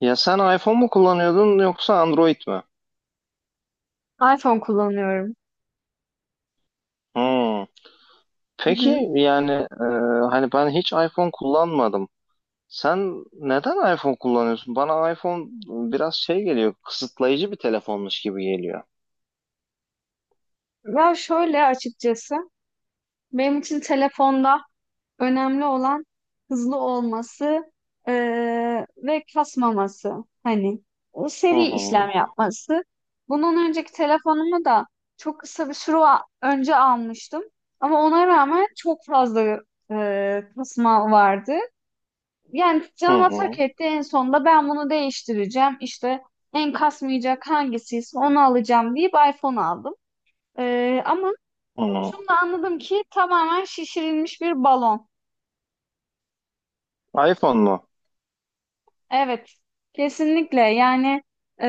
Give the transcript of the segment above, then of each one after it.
Ya sen iPhone mu kullanıyordun yoksa Android mi? iPhone kullanıyorum. Hmm. Hı Peki hı. yani e, hani ben hiç iPhone kullanmadım. Sen neden iPhone kullanıyorsun? Bana iPhone biraz şey geliyor, kısıtlayıcı bir telefonmuş gibi geliyor. Ya şöyle açıkçası benim için telefonda önemli olan hızlı olması ve kasmaması. Hani o Hı seri işlem hı, yapması. Bundan önceki telefonumu da çok kısa bir süre önce almıştım. Ama ona rağmen çok fazla kasma vardı. Yani hı canıma tak hı, etti en sonunda ben bunu değiştireceğim. İşte en kasmayacak hangisiyse onu alacağım deyip iPhone aldım. Ama hı. şunu da anladım ki tamamen şişirilmiş bir balon. iPhone mu? Evet, kesinlikle. Yani e,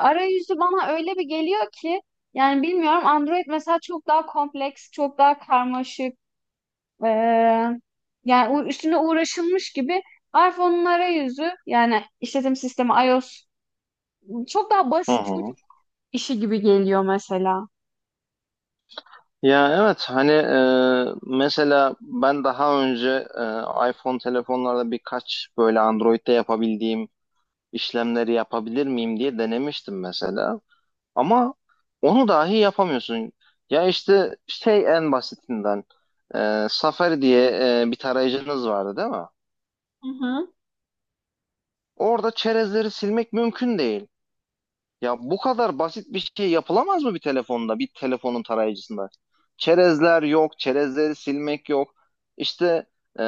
arayüzü bana öyle bir geliyor ki yani bilmiyorum Android mesela çok daha kompleks, çok daha karmaşık. e, Yani üstüne uğraşılmış gibi iPhone'un arayüzü yani işletim sistemi iOS çok daha Hı basit hı. İşi gibi geliyor mesela. Ya evet mesela ben daha önce iPhone telefonlarda birkaç böyle Android'de yapabildiğim işlemleri yapabilir miyim diye denemiştim mesela. Ama onu dahi yapamıyorsun. Ya işte şey en basitinden Safari diye bir tarayıcınız vardı değil mi? Hı hı. Orada çerezleri silmek mümkün değil. Ya bu kadar basit bir şey yapılamaz mı bir telefonda, bir telefonun tarayıcısında? Çerezler yok, çerezleri silmek yok. İşte e,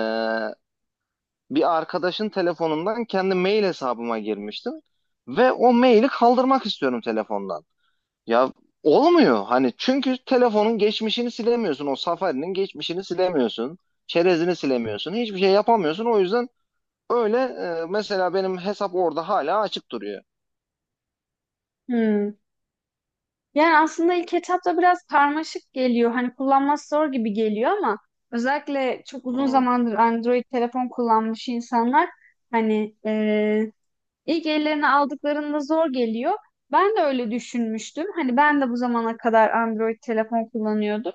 bir arkadaşın telefonundan kendi mail hesabıma girmiştim ve o maili kaldırmak istiyorum telefondan. Ya olmuyor. Hani çünkü telefonun geçmişini silemiyorsun. O Safari'nin geçmişini silemiyorsun. Çerezini silemiyorsun. Hiçbir şey yapamıyorsun. O yüzden öyle, mesela benim hesap orada hala açık duruyor. Hmm. Yani aslında ilk etapta biraz karmaşık geliyor. Hani kullanması zor gibi geliyor ama özellikle çok Hı. uzun Hı. zamandır Android telefon kullanmış insanlar hani İlk ellerine aldıklarında zor geliyor. Ben de öyle düşünmüştüm. Hani ben de bu zamana kadar Android telefon kullanıyordum.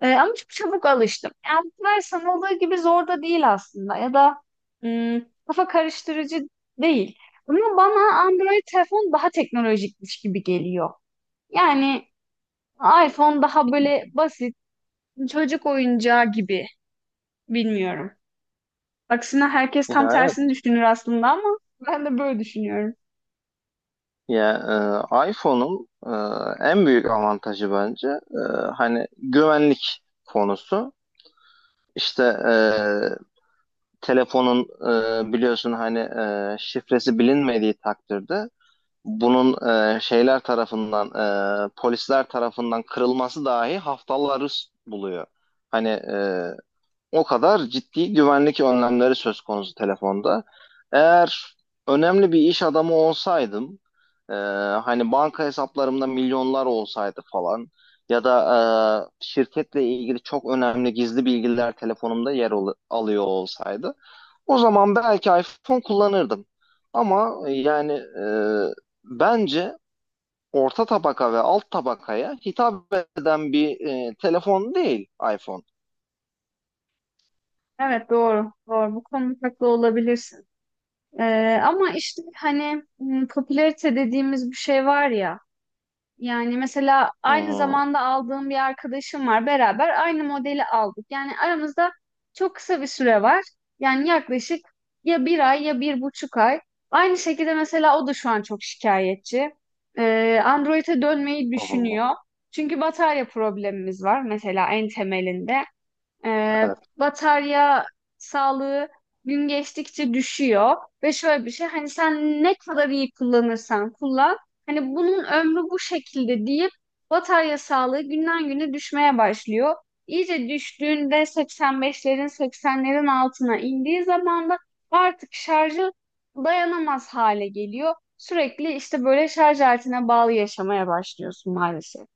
Ama çok çabuk alıştım. Yani bu kadar sanıldığı gibi zor da değil aslında. Ya da kafa karıştırıcı değil. Ama bana Android telefon daha teknolojikmiş gibi geliyor. Yani iPhone daha böyle basit, çocuk oyuncağı gibi. Bilmiyorum. Aksine herkes tam Ya evet. tersini düşünür aslında ama ben de böyle düşünüyorum. Ya, iPhone'un, en büyük avantajı bence, hani güvenlik konusu. İşte telefonun, biliyorsun hani, şifresi bilinmediği takdirde bunun, şeyler tarafından, polisler tarafından kırılması dahi haftaları buluyor. Hani, o kadar ciddi güvenlik önlemleri söz konusu telefonda. Eğer önemli bir iş adamı olsaydım, e, hani banka hesaplarımda milyonlar olsaydı falan ya da şirketle ilgili çok önemli gizli bilgiler telefonumda alıyor olsaydı o zaman belki iPhone kullanırdım. Ama yani, bence orta tabaka ve alt tabakaya hitap eden bir, telefon değil iPhone. Evet, doğru doğru bu konuda haklı olabilirsin. Ama işte hani popülarite dediğimiz bir şey var ya, yani mesela Hı aynı hı, zamanda aldığım bir arkadaşım var, beraber aynı modeli aldık. Yani aramızda çok kısa bir süre var, yani yaklaşık ya bir ay ya bir buçuk ay. Aynı şekilde mesela o da şu an çok şikayetçi. Android'e dönmeyi hı hı. düşünüyor. Çünkü batarya problemimiz var mesela en temelinde. Ee, Evet. Batarya sağlığı gün geçtikçe düşüyor ve şöyle bir şey, hani sen ne kadar iyi kullanırsan kullan, hani bunun ömrü bu şekilde deyip batarya sağlığı günden güne düşmeye başlıyor. İyice düştüğünde 85'lerin 80'lerin altına indiği zaman da artık şarjı dayanamaz hale geliyor. Sürekli işte böyle şarj aletine bağlı yaşamaya başlıyorsun maalesef.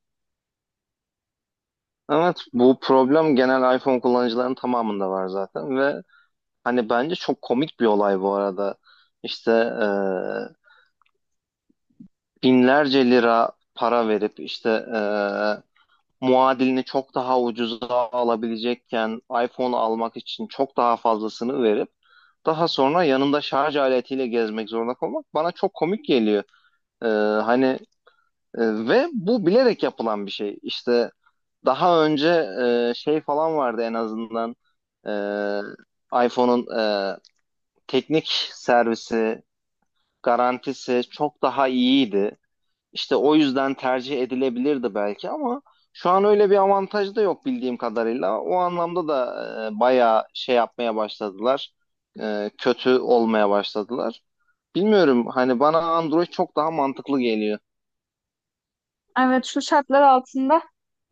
Evet, bu problem genel iPhone kullanıcıların tamamında var zaten ve hani bence çok komik bir olay bu arada. İşte binlerce lira para verip işte, e, muadilini çok daha ucuza alabilecekken iPhone almak için çok daha fazlasını verip daha sonra yanında şarj aletiyle gezmek zorunda kalmak bana çok komik geliyor. Ee, hani e, ve bu bilerek yapılan bir şey. İşte daha önce şey falan vardı en azından, iPhone'un, e, teknik servisi, garantisi çok daha iyiydi. İşte o yüzden tercih edilebilirdi belki ama şu an öyle bir avantaj da yok bildiğim kadarıyla. O anlamda da bayağı şey yapmaya başladılar. Kötü olmaya başladılar. Bilmiyorum, hani bana Android çok daha mantıklı geliyor. Evet, şu şartlar altında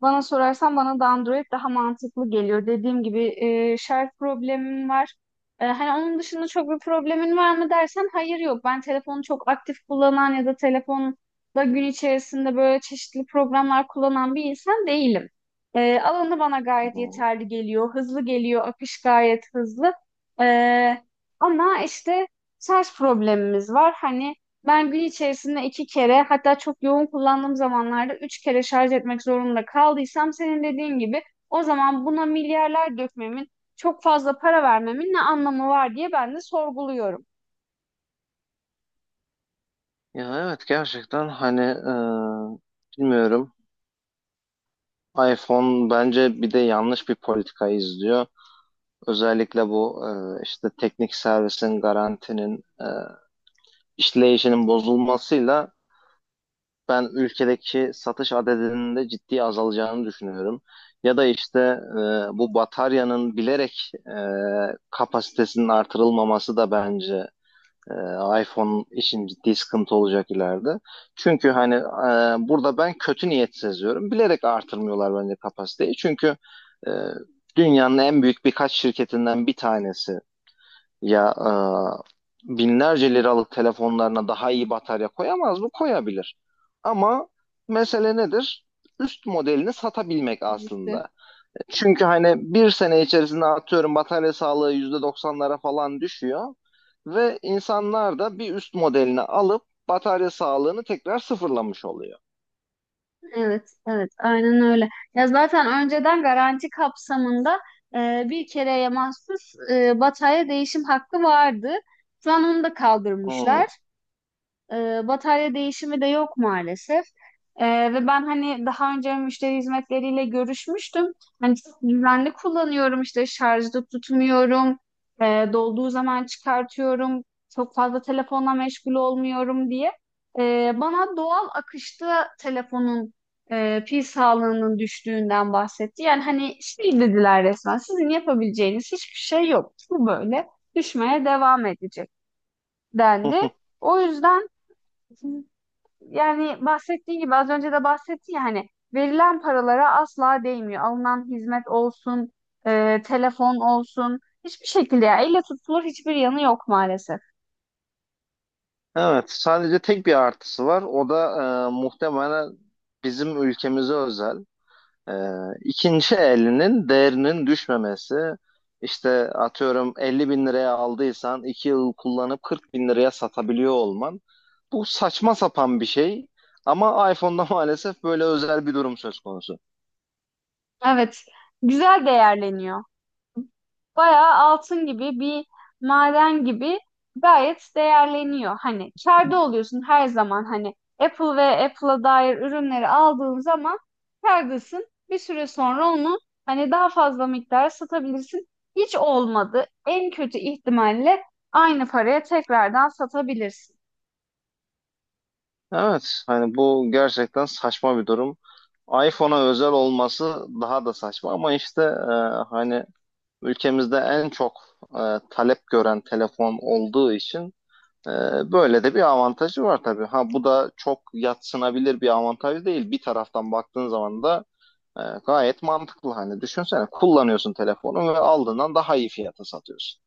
bana sorarsan bana da Android daha mantıklı geliyor. Dediğim gibi şarj problemim var. E, hani onun dışında çok bir problemin var mı dersen hayır yok. Ben telefonu çok aktif kullanan ya da telefonda gün içerisinde böyle çeşitli programlar kullanan bir insan değilim. Alanı bana gayet Bu- yeterli geliyor. Hızlı geliyor. Akış gayet hızlı. E, Ama işte şarj problemimiz var. Hani ben gün içerisinde iki kere, hatta çok yoğun kullandığım zamanlarda üç kere şarj etmek zorunda kaldıysam senin dediğin gibi o zaman buna milyarlar dökmemin, çok fazla para vermemin ne anlamı var diye ben de sorguluyorum. Ya evet, gerçekten hani, bilmiyorum. iPhone bence bir de yanlış bir politika izliyor. Özellikle bu, işte teknik servisin garantinin, işleyişinin bozulmasıyla ben ülkedeki satış adedinin de ciddi azalacağını düşünüyorum. Ya da işte, bu bataryanın bilerek, kapasitesinin artırılmaması da bence, e, iPhone için ciddi sıkıntı olacak ileride. Çünkü, burada ben kötü niyet seziyorum. Bilerek artırmıyorlar bence kapasiteyi. Çünkü, e, dünyanın en büyük birkaç şirketinden bir tanesi ya, binlerce liralık telefonlarına daha iyi batarya koyamaz mı? Koyabilir. Ama mesele nedir? Üst modelini satabilmek Stratejisi. aslında. Çünkü hani bir sene içerisinde atıyorum batarya sağlığı yüzde doksanlara falan düşüyor. Ve insanlar da bir üst modelini alıp batarya sağlığını tekrar sıfırlamış oluyor. Evet, evet, aynen öyle. Ya zaten önceden garanti kapsamında bir kereye mahsus batarya değişim hakkı vardı. Şu an onu da Hmm. kaldırmışlar. Batarya değişimi de yok maalesef. Ve ben hani daha önce müşteri hizmetleriyle görüşmüştüm. Hani çok düzenli kullanıyorum, işte şarjda tutmuyorum. Dolduğu zaman çıkartıyorum. Çok fazla telefonla meşgul olmuyorum diye. Bana doğal akışta telefonun pil sağlığının düştüğünden bahsetti. Yani hani şey dediler, resmen sizin yapabileceğiniz hiçbir şey yok. Bu böyle düşmeye devam edecek dendi. O yüzden yani bahsettiği gibi, az önce de bahsetti ya, hani verilen paralara asla değmiyor. Alınan hizmet olsun, telefon olsun, hiçbir şekilde ya elle tutulur hiçbir yanı yok maalesef. Evet, sadece tek bir artısı var. O da muhtemelen bizim ülkemize özel. Ee, ikinci elinin değerinin düşmemesi. İşte atıyorum 50 bin liraya aldıysan 2 yıl kullanıp 40 bin liraya satabiliyor olman. Bu saçma sapan bir şey ama iPhone'da maalesef böyle özel bir durum söz konusu. Evet, güzel değerleniyor. Bayağı altın gibi bir maden gibi gayet değerleniyor. Hani kârda oluyorsun her zaman, hani Apple ve Apple'a dair ürünleri aldığın zaman kârdasın. Bir süre sonra onu hani daha fazla miktar satabilirsin. Hiç olmadı. En kötü ihtimalle aynı paraya tekrardan satabilirsin. Evet, hani bu gerçekten saçma bir durum. iPhone'a özel olması daha da saçma ama işte, hani ülkemizde en çok, e, talep gören telefon olduğu için. Böyle de bir avantajı var tabii. Ha bu da çok yatsınabilir bir avantaj değil. Bir taraftan baktığın zaman da, gayet mantıklı. Hani düşünsene, kullanıyorsun telefonu ve aldığından daha iyi fiyata satıyorsun.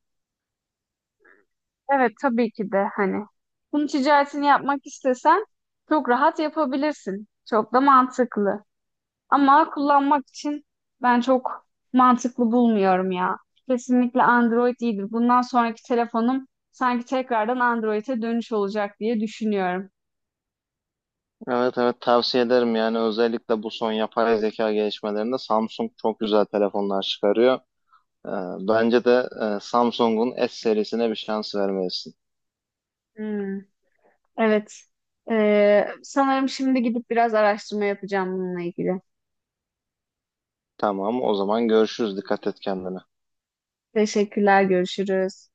Evet, tabii ki de hani bunun ticaretini yapmak istesen çok rahat yapabilirsin. Çok da mantıklı. Ama kullanmak için ben çok mantıklı bulmuyorum ya. Kesinlikle Android iyidir. Bundan sonraki telefonum sanki tekrardan Android'e dönüş olacak diye düşünüyorum. Evet evet, tavsiye ederim yani. Özellikle bu son yapay zeka gelişmelerinde Samsung çok güzel telefonlar çıkarıyor. Ee, Bence de Samsung'un S serisine bir şans vermelisin. Hmm, evet. Sanırım şimdi gidip biraz araştırma yapacağım bununla ilgili. Tamam, o zaman görüşürüz. Dikkat et kendine. Teşekkürler, görüşürüz.